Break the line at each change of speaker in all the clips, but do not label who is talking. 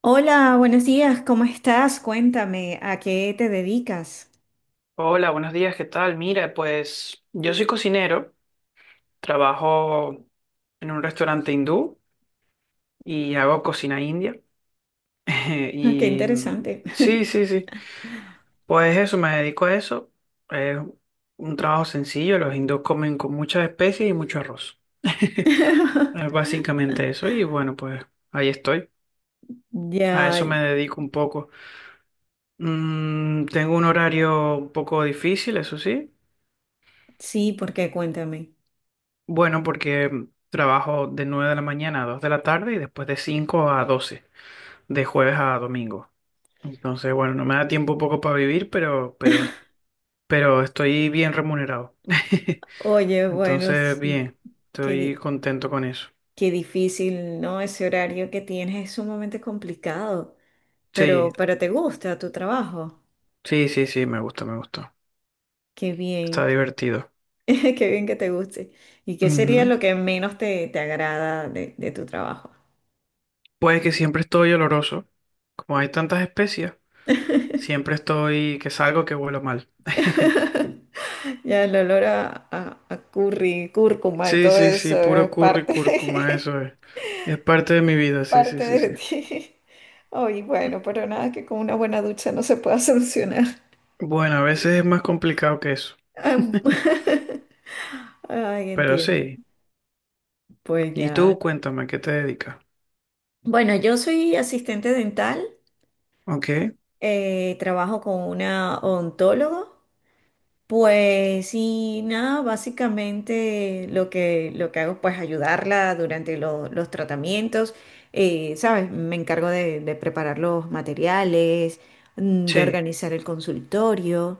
Hola, buenos días, ¿cómo estás? Cuéntame, ¿a qué te dedicas?
Hola, buenos días, ¿qué tal? Mira, pues yo soy cocinero, trabajo en un restaurante hindú y hago cocina india.
Ah, qué
Y mm,
interesante.
sí, sí, sí, pues eso, me dedico a eso. Es un trabajo sencillo, los hindús comen con muchas especies y mucho arroz. Es básicamente eso y bueno, pues ahí estoy. A eso
Ya,
me dedico un poco. Tengo un horario un poco difícil, eso sí.
sí, porque cuéntame.
Bueno, porque trabajo de 9 de la mañana a 2 de la tarde y después de 5 a 12 de jueves a domingo. Entonces, bueno, no me da tiempo un poco para vivir, pero estoy bien remunerado.
Oye, bueno,
Entonces,
sí,
bien,
qué,
estoy
di-
contento con eso.
qué difícil, ¿no? Ese horario que tienes es sumamente complicado,
Sí,
pero te gusta tu trabajo.
sí, sí, sí, me gusta, me gusta.
Qué bien,
Está divertido.
qué bien que te guste. ¿Y qué sería
Ujú.
lo que menos te agrada de tu trabajo?
Pues que siempre estoy oloroso. Como hay tantas especias, siempre estoy que salgo que huelo mal.
Ya el olor a curry, cúrcuma y
Sí,
todo
sí,
eso
sí, puro
es
curry y
parte,
cúrcuma, eso es. Es parte de mi vida, sí, sí,
parte
sí,
de
sí.
ti. Ay, bueno, pero nada que con una buena ducha no se pueda solucionar.
Bueno, a veces es más complicado que eso,
Am- Ay,
pero
entiendo.
sí.
Pues
Y
ya.
tú, cuéntame, ¿a qué te dedicas?
Bueno, yo soy asistente dental,
Ok,
trabajo con una odontóloga. Pues y nada, básicamente lo que hago pues ayudarla durante los tratamientos, ¿sabes? Me encargo de preparar los materiales, de
sí,
organizar el consultorio,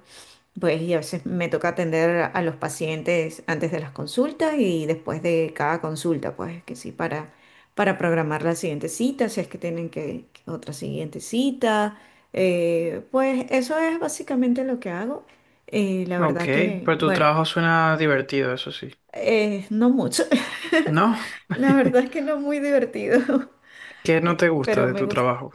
pues y a veces me toca atender a los pacientes antes de las consultas y después de cada consulta, pues que sí, para programar la siguiente cita, si es que tienen que otra siguiente cita. Pues eso es básicamente lo que hago. La
ok,
verdad que,
pero tu
bueno,
trabajo suena divertido, eso sí.
no mucho.
¿No?
La verdad es que no muy divertido,
¿Qué no te gusta
pero
de
me
tu
gusta.
trabajo?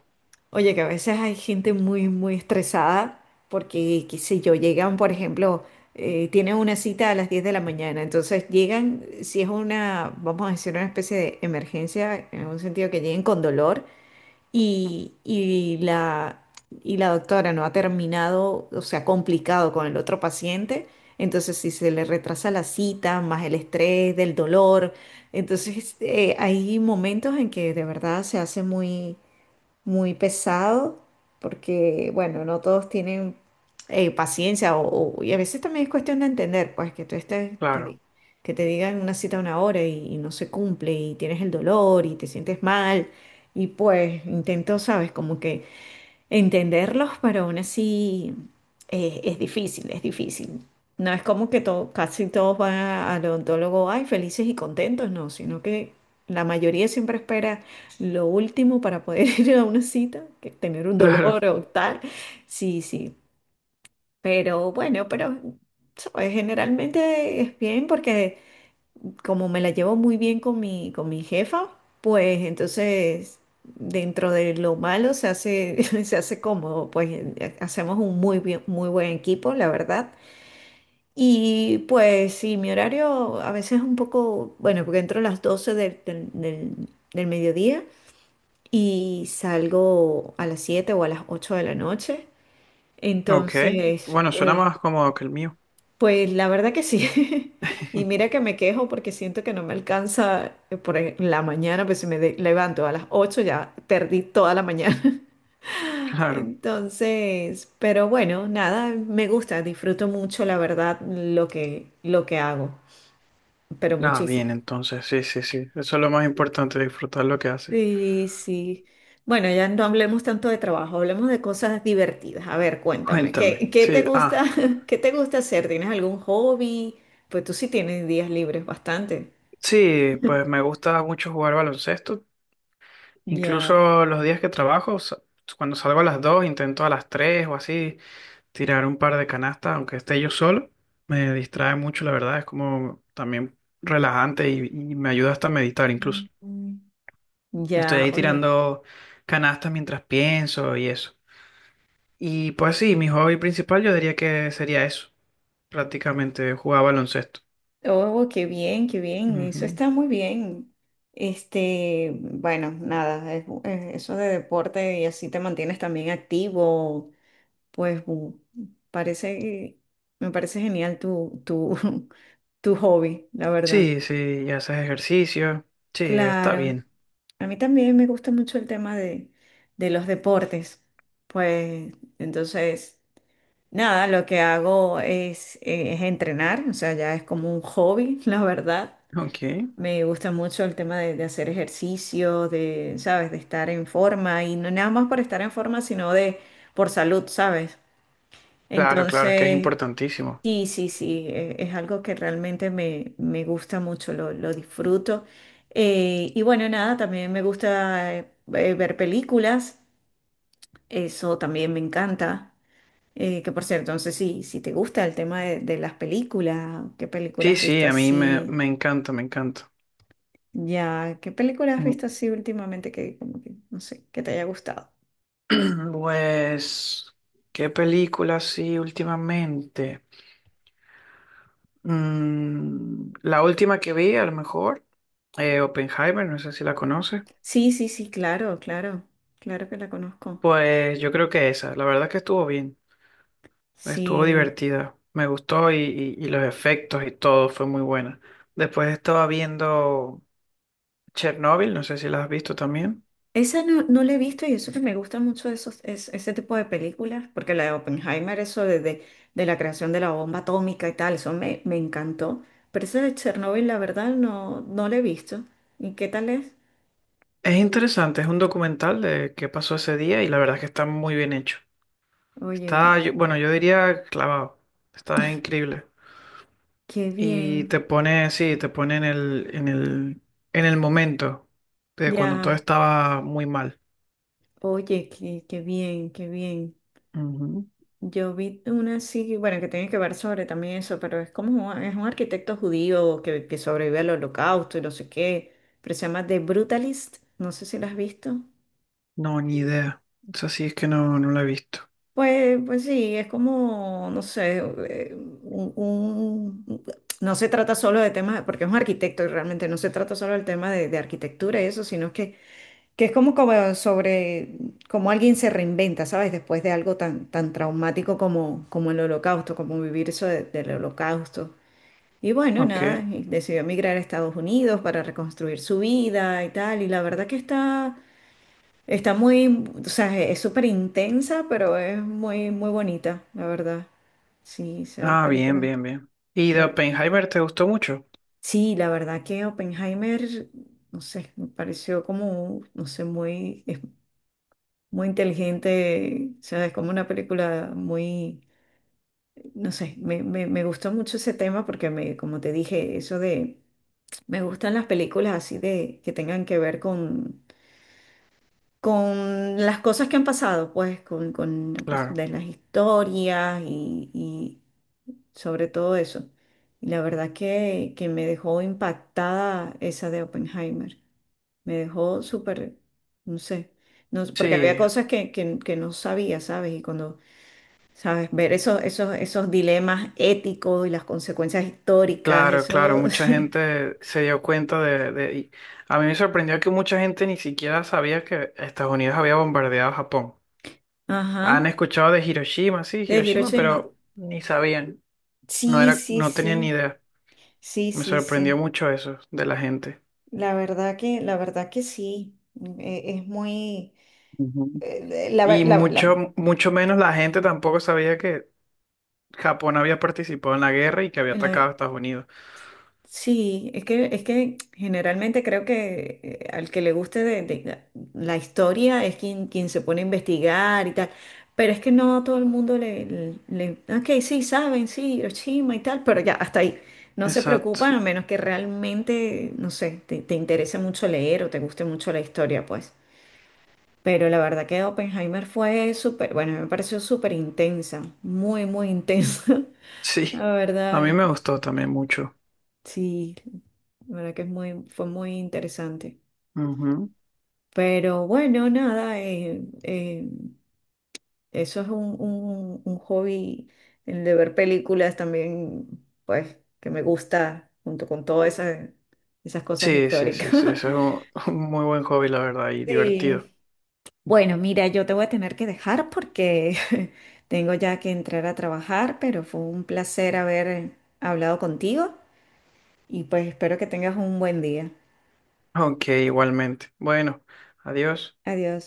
Oye, que a veces hay gente muy estresada porque, qué sé yo, llegan, por ejemplo, tienen una cita a las 10 de la mañana, entonces llegan, si es una, vamos a decir, una especie de emergencia, en un sentido que lleguen con dolor y, y la, y la doctora no ha terminado, o sea, complicado con el otro paciente, entonces si se le retrasa la cita, más el estrés del dolor, entonces hay momentos en que de verdad se hace muy pesado, porque, bueno, no todos tienen paciencia o y a veces también es cuestión de entender, pues que tú estés,
Claro,
que te digan una cita a una hora y no se cumple y tienes el dolor y te sientes mal y pues intento, sabes, como que entenderlos, pero aún así es difícil, es difícil. No es como que casi todos van al odontólogo, ay, felices y contentos, no, sino que la mayoría siempre espera lo último para poder ir a una cita, que tener un dolor
claro,
o tal. Sí, sí, pero bueno, pero ¿sabes? Generalmente es bien porque como me la llevo muy bien con mi jefa, pues entonces dentro de lo malo se hace, se hace cómodo, pues hacemos un muy buen equipo, la verdad. Y pues sí, mi horario a veces es un poco, bueno, porque entro a las 12 del mediodía y salgo a las 7 o a las 8 de la noche.
ok.
Entonces,
Bueno, suena
pues
más cómodo que el mío.
pues la verdad que sí. Y mira que me quejo porque siento que no me alcanza la mañana, pues si levanto a las 8 ya perdí toda la mañana.
Claro.
Entonces, pero bueno, nada, me gusta, disfruto mucho, la verdad, lo que hago, pero
Ah,
muchísimo.
bien, entonces, sí, sí, sí. Eso es lo más importante, disfrutar lo que haces.
Sí, sí. Bueno, ya no hablemos tanto de trabajo, hablemos de cosas divertidas. A ver, cuéntame,
Cuéntame.
¿qué te
Sí,
gusta,
ah.
qué te gusta hacer? ¿Tienes algún hobby? Pues tú sí tienes días libres bastante.
Sí, pues me gusta mucho jugar baloncesto.
Ya.
Incluso los días que trabajo, cuando salgo a las 2, intento a las 3 o así tirar un par de canastas, aunque esté yo solo. Me distrae mucho, la verdad. Es como también relajante y me ayuda hasta a meditar incluso.
Ujú.
Estoy
Ya,
ahí
oye.
tirando canastas mientras pienso y eso. Y pues sí, mi hobby principal yo diría que sería eso, prácticamente jugar baloncesto.
Oh, qué bien, qué bien. Eso
Ujú.
está muy bien. Este, bueno, nada, eso de deporte y así te mantienes también activo, pues parece, me parece genial tu hobby, la verdad.
Sí, sí, y haces ejercicio. Sí, está
Claro,
bien.
a mí también me gusta mucho el tema de los deportes. Pues entonces... Nada, lo que hago es entrenar, o sea, ya es como un hobby, la verdad.
Ok.
Me gusta mucho el tema de hacer ejercicio, de, ¿sabes? De estar en forma y no nada más por estar en forma, sino de por salud, ¿sabes?
Claro, claro, es que es
Entonces,
importantísimo.
sí, sí, sí, es algo que realmente me gusta mucho, lo disfruto. Y bueno, nada, también me gusta ver películas, eso también me encanta. Que por cierto, entonces si te gusta el tema de las películas, ¿qué películas
Sí,
has
sí,
visto
a mí me,
así?
me encanta, me encanta.
Ya, ¿qué películas has
Mm,
visto así últimamente que como que, no sé, que te haya gustado?
Pues, ¿qué película sí últimamente? La última que vi, a lo mejor, Oppenheimer, no sé si la conoces.
Sí, sí, sí, claro, claro, claro que la conozco.
Pues yo creo que esa, la verdad que estuvo bien, estuvo
Sí,
divertida, me gustó y los efectos y todo fue muy buena. Después estaba viendo Chernobyl, no sé si la has visto también.
esa no, no la he visto y eso que me gusta mucho de esos, ese tipo de películas, porque la de Oppenheimer, eso de la creación de la bomba atómica y tal, eso me, me encantó. Pero esa de Chernobyl, la verdad, no, no la he visto. ¿Y qué tal es?
Es interesante, es un documental de qué pasó ese día y la verdad es que está muy bien hecho.
Oye,
Está, bueno, yo diría clavado, está increíble.
qué
Y
bien.
te pone, sí, te pone en el momento de cuando todo
Ya,
estaba muy mal.
oye, qué, qué bien, qué bien.
Ujú.
Yo vi una así, bueno, que tiene que ver sobre también eso, pero es como es un arquitecto judío que sobrevive al holocausto y no sé qué, pero se llama The Brutalist, no sé si la has visto.
No, ni idea. Eso sí es que no, no lo he visto.
Pues, pues sí, es como, no sé, eh, un, un- no se trata solo de temas, porque es un arquitecto y realmente no se trata solo del tema de arquitectura y eso, sino que es como, como sobre cómo alguien se reinventa, ¿sabes? Después de algo tan traumático como, como el holocausto, como vivir del holocausto. Y bueno, nada,
Ok.
y decidió emigrar a Estados Unidos para reconstruir su vida y tal. Y la verdad que está, está muy, o sea, es súper intensa, pero es muy, muy bonita, la verdad. Sí, esa
Ah, bien,
película.
bien, bien. ¿Y de
me-
Oppenheimer te gustó mucho?
Sí, la verdad que Oppenheimer, no sé, me pareció como, no sé, muy inteligente, o sea, es como una película muy, no sé, me gustó mucho ese tema porque me, como te dije, eso de, me gustan las películas así de, que tengan que ver con las cosas que han pasado, pues, con,
Claro.
de las historias y sobre todo eso. Y la verdad que me dejó impactada esa de Oppenheimer. Me dejó súper, no sé, no, porque había
Sí,
cosas que no sabía, ¿sabes? Y cuando ¿sabes? Ver esos, esos, esos dilemas éticos y las consecuencias históricas,
claro, claro,
eso.
mucha
Sí.
gente se dio cuenta y a mí me sorprendió que mucha gente ni siquiera sabía que Estados Unidos había bombardeado Japón. Han
Ajá.
escuchado de Hiroshima, sí,
De
Hiroshima,
Hiroshima.
pero ni sabían, no
Sí,
era,
sí,
no tenían ni
sí.
idea.
Sí,
Me
sí,
sorprendió
sí.
mucho eso de la gente.
La verdad que sí. Es muy.
Ujú.
eh, la,
Y
la,
mucho,
la-
mucho menos la gente tampoco sabía que Japón había participado en la guerra y que había
la-
atacado a Estados Unidos.
Sí, es que generalmente creo que al que le guste la historia es quien, quien se pone a investigar y tal, pero es que no a todo el mundo ok, sí, saben, sí, Hiroshima y tal, pero ya, hasta ahí. No se preocupan
Exacto.
a menos que realmente, no sé, te interese mucho leer o te guste mucho la historia, pues. Pero la verdad que Oppenheimer fue súper, bueno, me pareció súper intensa, muy, muy intensa,
Sí,
la
a mí
verdad,
me gustó también mucho.
sí. La verdad que es muy, fue muy interesante.
Ujú.
Pero bueno, nada, eso es un hobby, el de ver películas también, pues, que me gusta junto con todas esas, esas cosas
Sí, sí,
históricas.
sí, sí, eso es un un muy buen hobby, la verdad, y divertido.
Sí. Bueno, mira, yo te voy a tener que dejar porque tengo ya que entrar a trabajar, pero fue un placer haber hablado contigo y pues espero que tengas un buen día.
Ok, igualmente. Bueno, adiós.
Adiós.